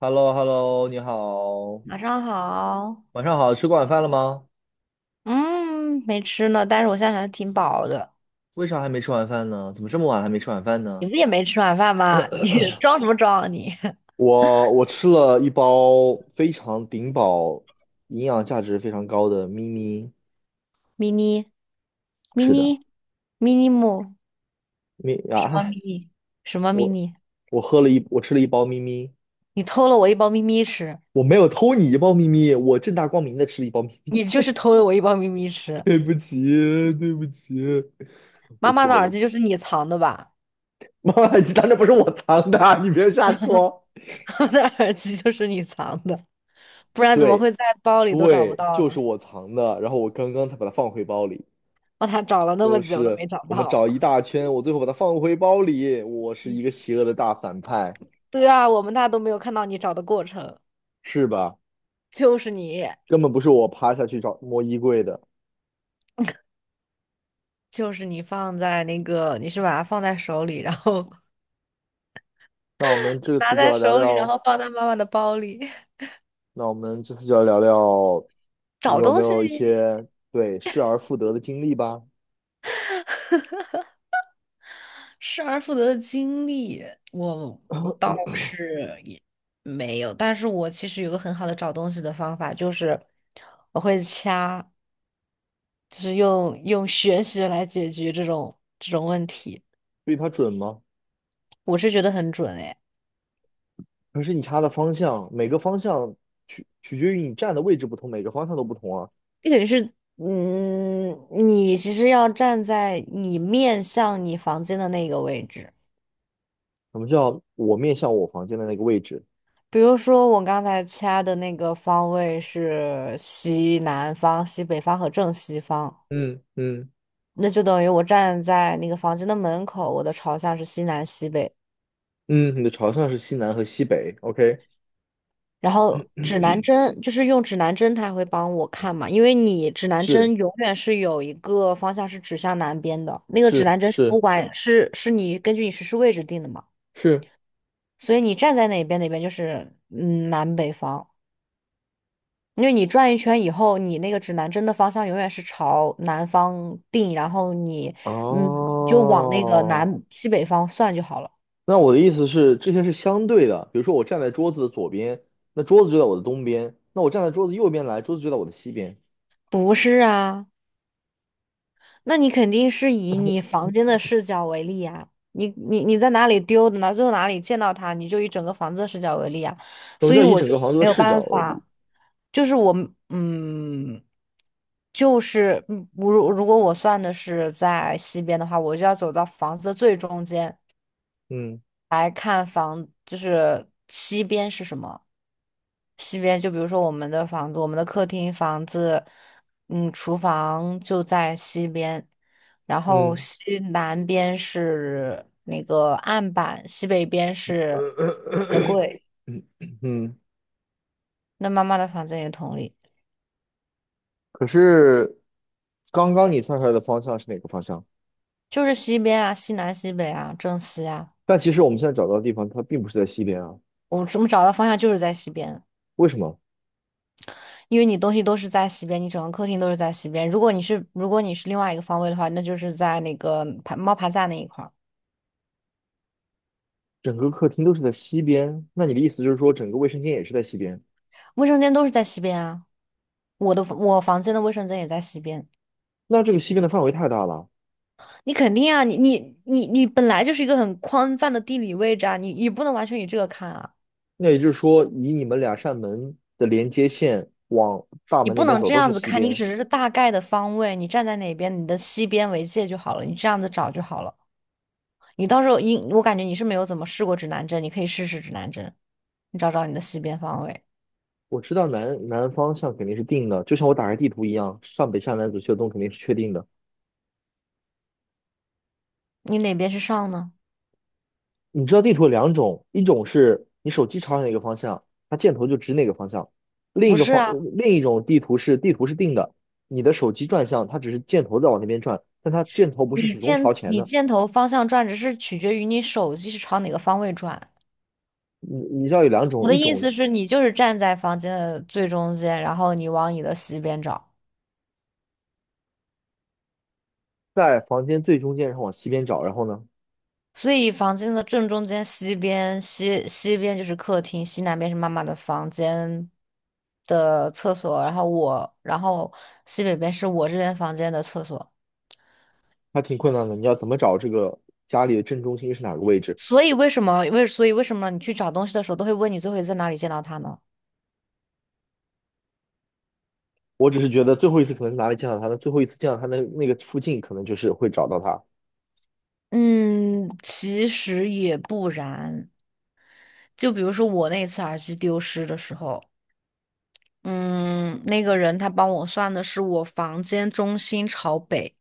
h e l l o h e l l o 你好，晚上好，晚上好，吃过晚饭了吗？嗯，没吃呢，但是我现在还挺饱的。为啥还没吃晚饭呢？怎么这么晚还没吃晚饭你呢？不也没吃晚饭吗？你装什么装啊你 我吃了一包非常顶饱、营养价值非常高的咪咪，？mini 是 mini 的，mini 木咪什么 啊，mini 什么 我 mini？我吃了一包咪咪，你偷了我一包咪咪吃，我没有偷你一包咪咪，我正大光明的吃了一包咪咪，你就是偷了我一包咪咪 吃。对不起，对不起，我妈妈的错耳了，机就是你藏的吧？妈妈，鸡蛋那不是我藏的啊，你别瞎说。我的耳机就是你藏的，不然怎么会对，在包里都找不对，到就是呢？我藏的，然后我刚刚才把它放回包里。我他找了那么就久都没是找我们到。找一大圈，我最后把它放回包里。我是一嗯，个邪恶的大反派，对啊，我们那都没有看到你找的过程，是吧？就是你。根本不是我趴下去找摸衣柜的。就是你放在那个，你是把它放在手里，然后 那我们 这拿次就在来聊手里，然聊，后放在妈妈的包里。那我们这次就来聊聊，你找有没东西有一些对失而复得的经历吧？失而复得的经历，我倒是也没有，但是我其实有个很好的找东西的方法，就是我会掐，就是用玄学来解决这种问题，对它准吗？我是觉得很准诶。可是你插的方向，每个方向取决于你站的位置不同，每个方向都不同啊。这等于是，嗯，你其实要站在你面向你房间的那个位置。什么叫我面向我房间的那个位置？比如说我刚才掐的那个方位是西南方、西北方和正西方，嗯嗯。那就等于我站在那个房间的门口，我的朝向是西南西北。嗯，你的朝向是西南和西北，OK，然后指南针就是用指南针，它会帮我看嘛，因为你指南是针永远是有一个方向是指向南边的，那个是指南针是不是管是你根据你实时位置定的嘛，是，所以你站在哪边哪边就是南北方。因为你转一圈以后，你那个指南针的方向永远是朝南方定，然后你嗯就往那个哦，南西北方算就好了。那我的意思是这些是相对的，比如说我站在桌子的左边，那桌子就在我的东边，那我站在桌子右边来，桌子就在我的西边，不是啊，那你肯定是以你房间的视角为例啊。你在哪里丢的呢？最后哪里见到它，你就以整个房子的视角为例啊。我所就以要以我整就个杭州的没有视角办为例，法，就是我嗯，就是如果我算的是在西边的话，我就要走到房子的最中间，嗯来看房，就是西边是什么？西边就比如说我们的房子，我们的客厅房子，嗯，厨房就在西边，然后嗯西南边是那个案板，西北边是鞋呃 柜。嗯 嗯，那妈妈的房子也同理，可是刚刚你算出来的方向是哪个方向？就是西边啊，西南西北啊，正西啊，但其实我们现在找到的地方它并不是在西边啊，我怎么找到方向就是在西边啊。为什么？因为你东西都是在西边，你整个客厅都是在西边。如果你是另外一个方位的话，那就是在那个爬猫爬架那一块儿，整个客厅都是在西边，那你的意思就是说整个卫生间也是在西边？卫生间都是在西边啊。我房间的卫生间也在西边，那这个西边的范围太大了，你肯定啊，你本来就是一个很宽泛的地理位置啊，你不能完全以这个看啊，那也就是说以你们两扇门的连接线往大你门那不边能走这都是样子西看，你边。只是大概的方位，你站在哪边，你的西边为界就好了，你这样子找就好了。你到时候，你我感觉你是没有怎么试过指南针，你可以试试指南针，你找找你的西边方位。我知道南南方向肯定是定的，就像我打开地图一样，上北下南左西右东肯定是确定的。你哪边是上呢？你知道地图有两种，一种是你手机朝哪个方向，它箭头就指哪个方向；另一不个是方啊，另一种地图是地图是定的，你的手机转向，它只是箭头在往那边转，但它箭头不是你始终朝箭前你的。箭头方向转，只是取决于你手机是朝哪个方位转。你知道有两种，我的一意种思是，你就是站在房间的最中间，然后你往你的西边找。在房间最中间，然后往西边找，然后呢，所以房间的正中间，西边,西边就是客厅，西南边是妈妈的房间的厕所，然后我，然后西北边是我这边房间的厕所。还挺困难的。你要怎么找这个家里的正中心是哪个位置？所以为什么为所以为什么你去找东西的时候都会问你最后一次在哪里见到他呢？我只是觉得最后一次可能是哪里见到他的，最后一次见到他的那个附近，可能就是会找到他。嗯，其实也不然。就比如说我那次耳机丢失的时候，嗯，那个人他帮我算的是我房间中心朝北，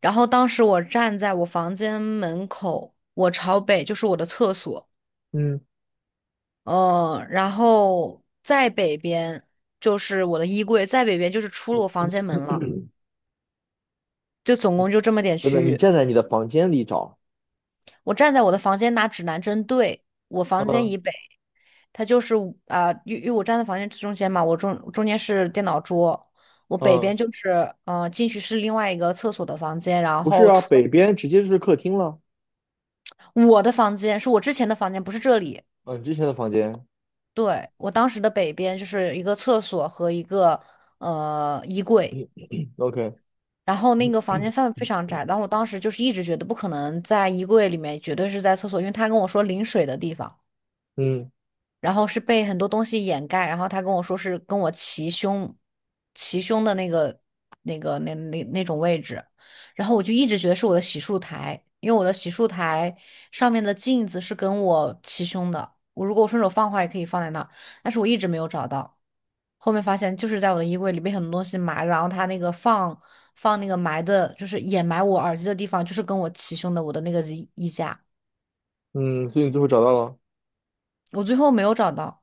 然后当时我站在我房间门口，我朝北就是我的厕所，嗯，嗯，然后再北边就是我的衣柜，再北边就是出了我房间 门了，真就总共就这么点的，区你域。站在你的房间里找，我站在我的房间拿指南针对我房间嗯以北，它就是因为我站在房间中间嘛，我中间是电脑桌，我北嗯，边就是进去是另外一个厕所的房间，然不是后啊，出北边直接就是客厅了。我的房间是我之前的房间，不是这里。嗯，之前的房间对，我当时的北边就是一个厕所和一个衣柜，，OK，然后那个房间范围非常窄，然后我当时就是一直觉得不可能在衣柜里面，绝对是在厕所，因为他跟我说淋水的地方。嗯然后是被很多东西掩盖，然后他跟我说是跟我齐胸，齐胸的那个那种位置，然后我就一直觉得是我的洗漱台，因为我的洗漱台上面的镜子是跟我齐胸的，我如果我顺手放的话也可以放在那儿，但是我一直没有找到，后面发现就是在我的衣柜里被很多东西埋，然后他那个放那个埋的，就是掩埋我耳机的地方，就是跟我齐胸的我的那个衣架，嗯，所以你最后找到了，我最后没有找到。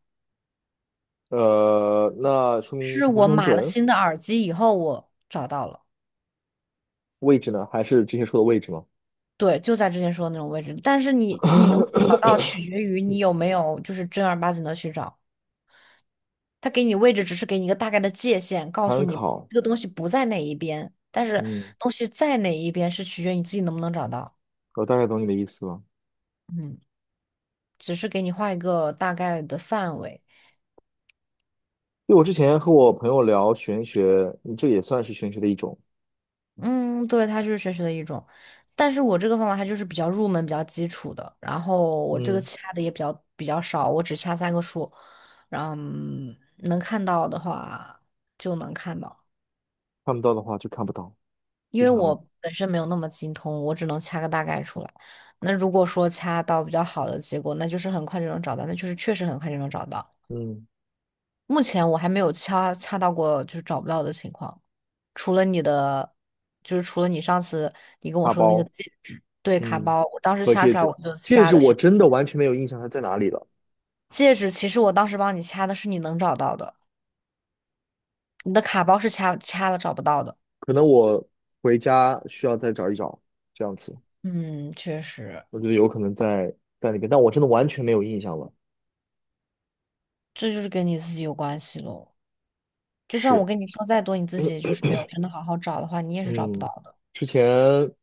那说明是它不我是很买了准。新的耳机以后，我找到了，位置呢？还是之前说的位置吗？对，就在之前说的那种位置。但是你能不能找到，取决于你有没有就是正儿八经的去找。他给你位置，只是给你一个大概的界限，告诉参你考。这个东西不在哪一边，但是嗯，东西在哪一边是取决于你自己能不能找到。我大概懂你的意思了。嗯，只是给你画一个大概的范围。因为我之前和我朋友聊玄学，嗯，这也算是玄学的一种。嗯，对，它就是玄学的一种，但是我这个方法它就是比较入门、比较基础的，然后我这个嗯，掐的也比较少，我只掐三个数，然后能看到的话就能看到，看不到的话就看不到，因正为常吗？我本身没有那么精通，我只能掐个大概出来。那如果说掐到比较好的结果，那就是很快就能找到，那就是确实很快就能找到。嗯，目前我还没有掐到过就是找不到的情况，除了你的，就是除了你上次你跟我大说的那个包，戒指，对，卡嗯，包，我当时和掐戒出来指，我就戒掐指的我是真的完全没有印象它在哪里了，戒指，其实我当时帮你掐的是你能找到的，你的卡包是掐了找不到的。可能我回家需要再找一找，这样子，嗯，确实，我觉得有可能在那边，但我真的完全没有印象了。这就是跟你自己有关系喽。就算我是，跟你说再多，你自己就是没有真的好好找的话，你也是找不到嗯，的。之前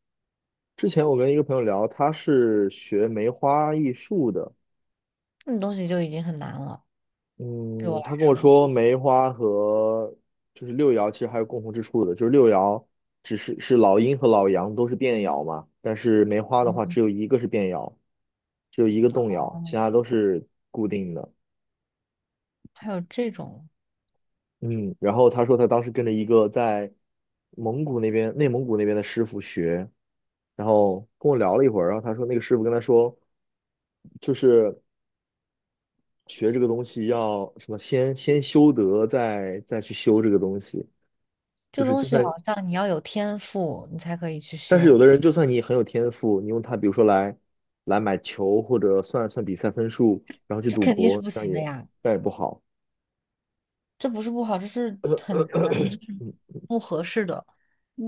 之前我跟一个朋友聊，他是学梅花易数的。那东西就已经很难了，对我嗯，他来跟我说。说梅花和就是六爻其实还有共同之处的，就是六爻只是是老阴和老阳都是变爻嘛，但是梅花的话嗯，只有一个是变爻，只有一个动摇，其嗯他都是固定的。还有这种。嗯，然后他说他当时跟着一个在蒙古那边、内蒙古那边的师傅学，然后跟我聊了一会儿，然后他说那个师傅跟他说，就是学这个东西要什么先修德，再去修这个东西，这就个是东就西算好像你要有天赋，你才可以去但是有修，的人，就算你很有天赋，你用它，比如说来买球，或者算算比赛分数，然后去这赌肯定是博，不这样行也的呀。这样也不好。这不是不好，这是 很难，这 是嗯不合适的。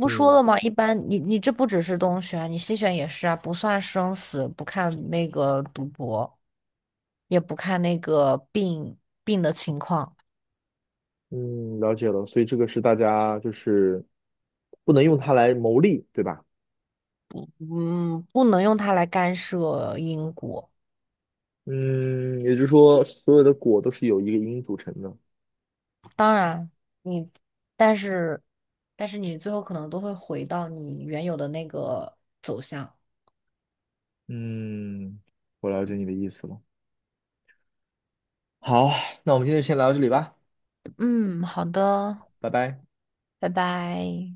不说嗯了吗？一般你这不只是东选，你西选也是啊，不算生死，不看那个赌博，也不看那个病的情况，嗯，了解了。所以这个是大家就是不能用它来谋利，对吧？嗯，不能用它来干涉因果。嗯，也就是说，所有的果都是由一个因组成的。当然，你但是你最后可能都会回到你原有的那个走向。嗯，我了解你的意思了。好，那我们今天就先聊到这里吧，嗯，好的，拜拜。拜拜。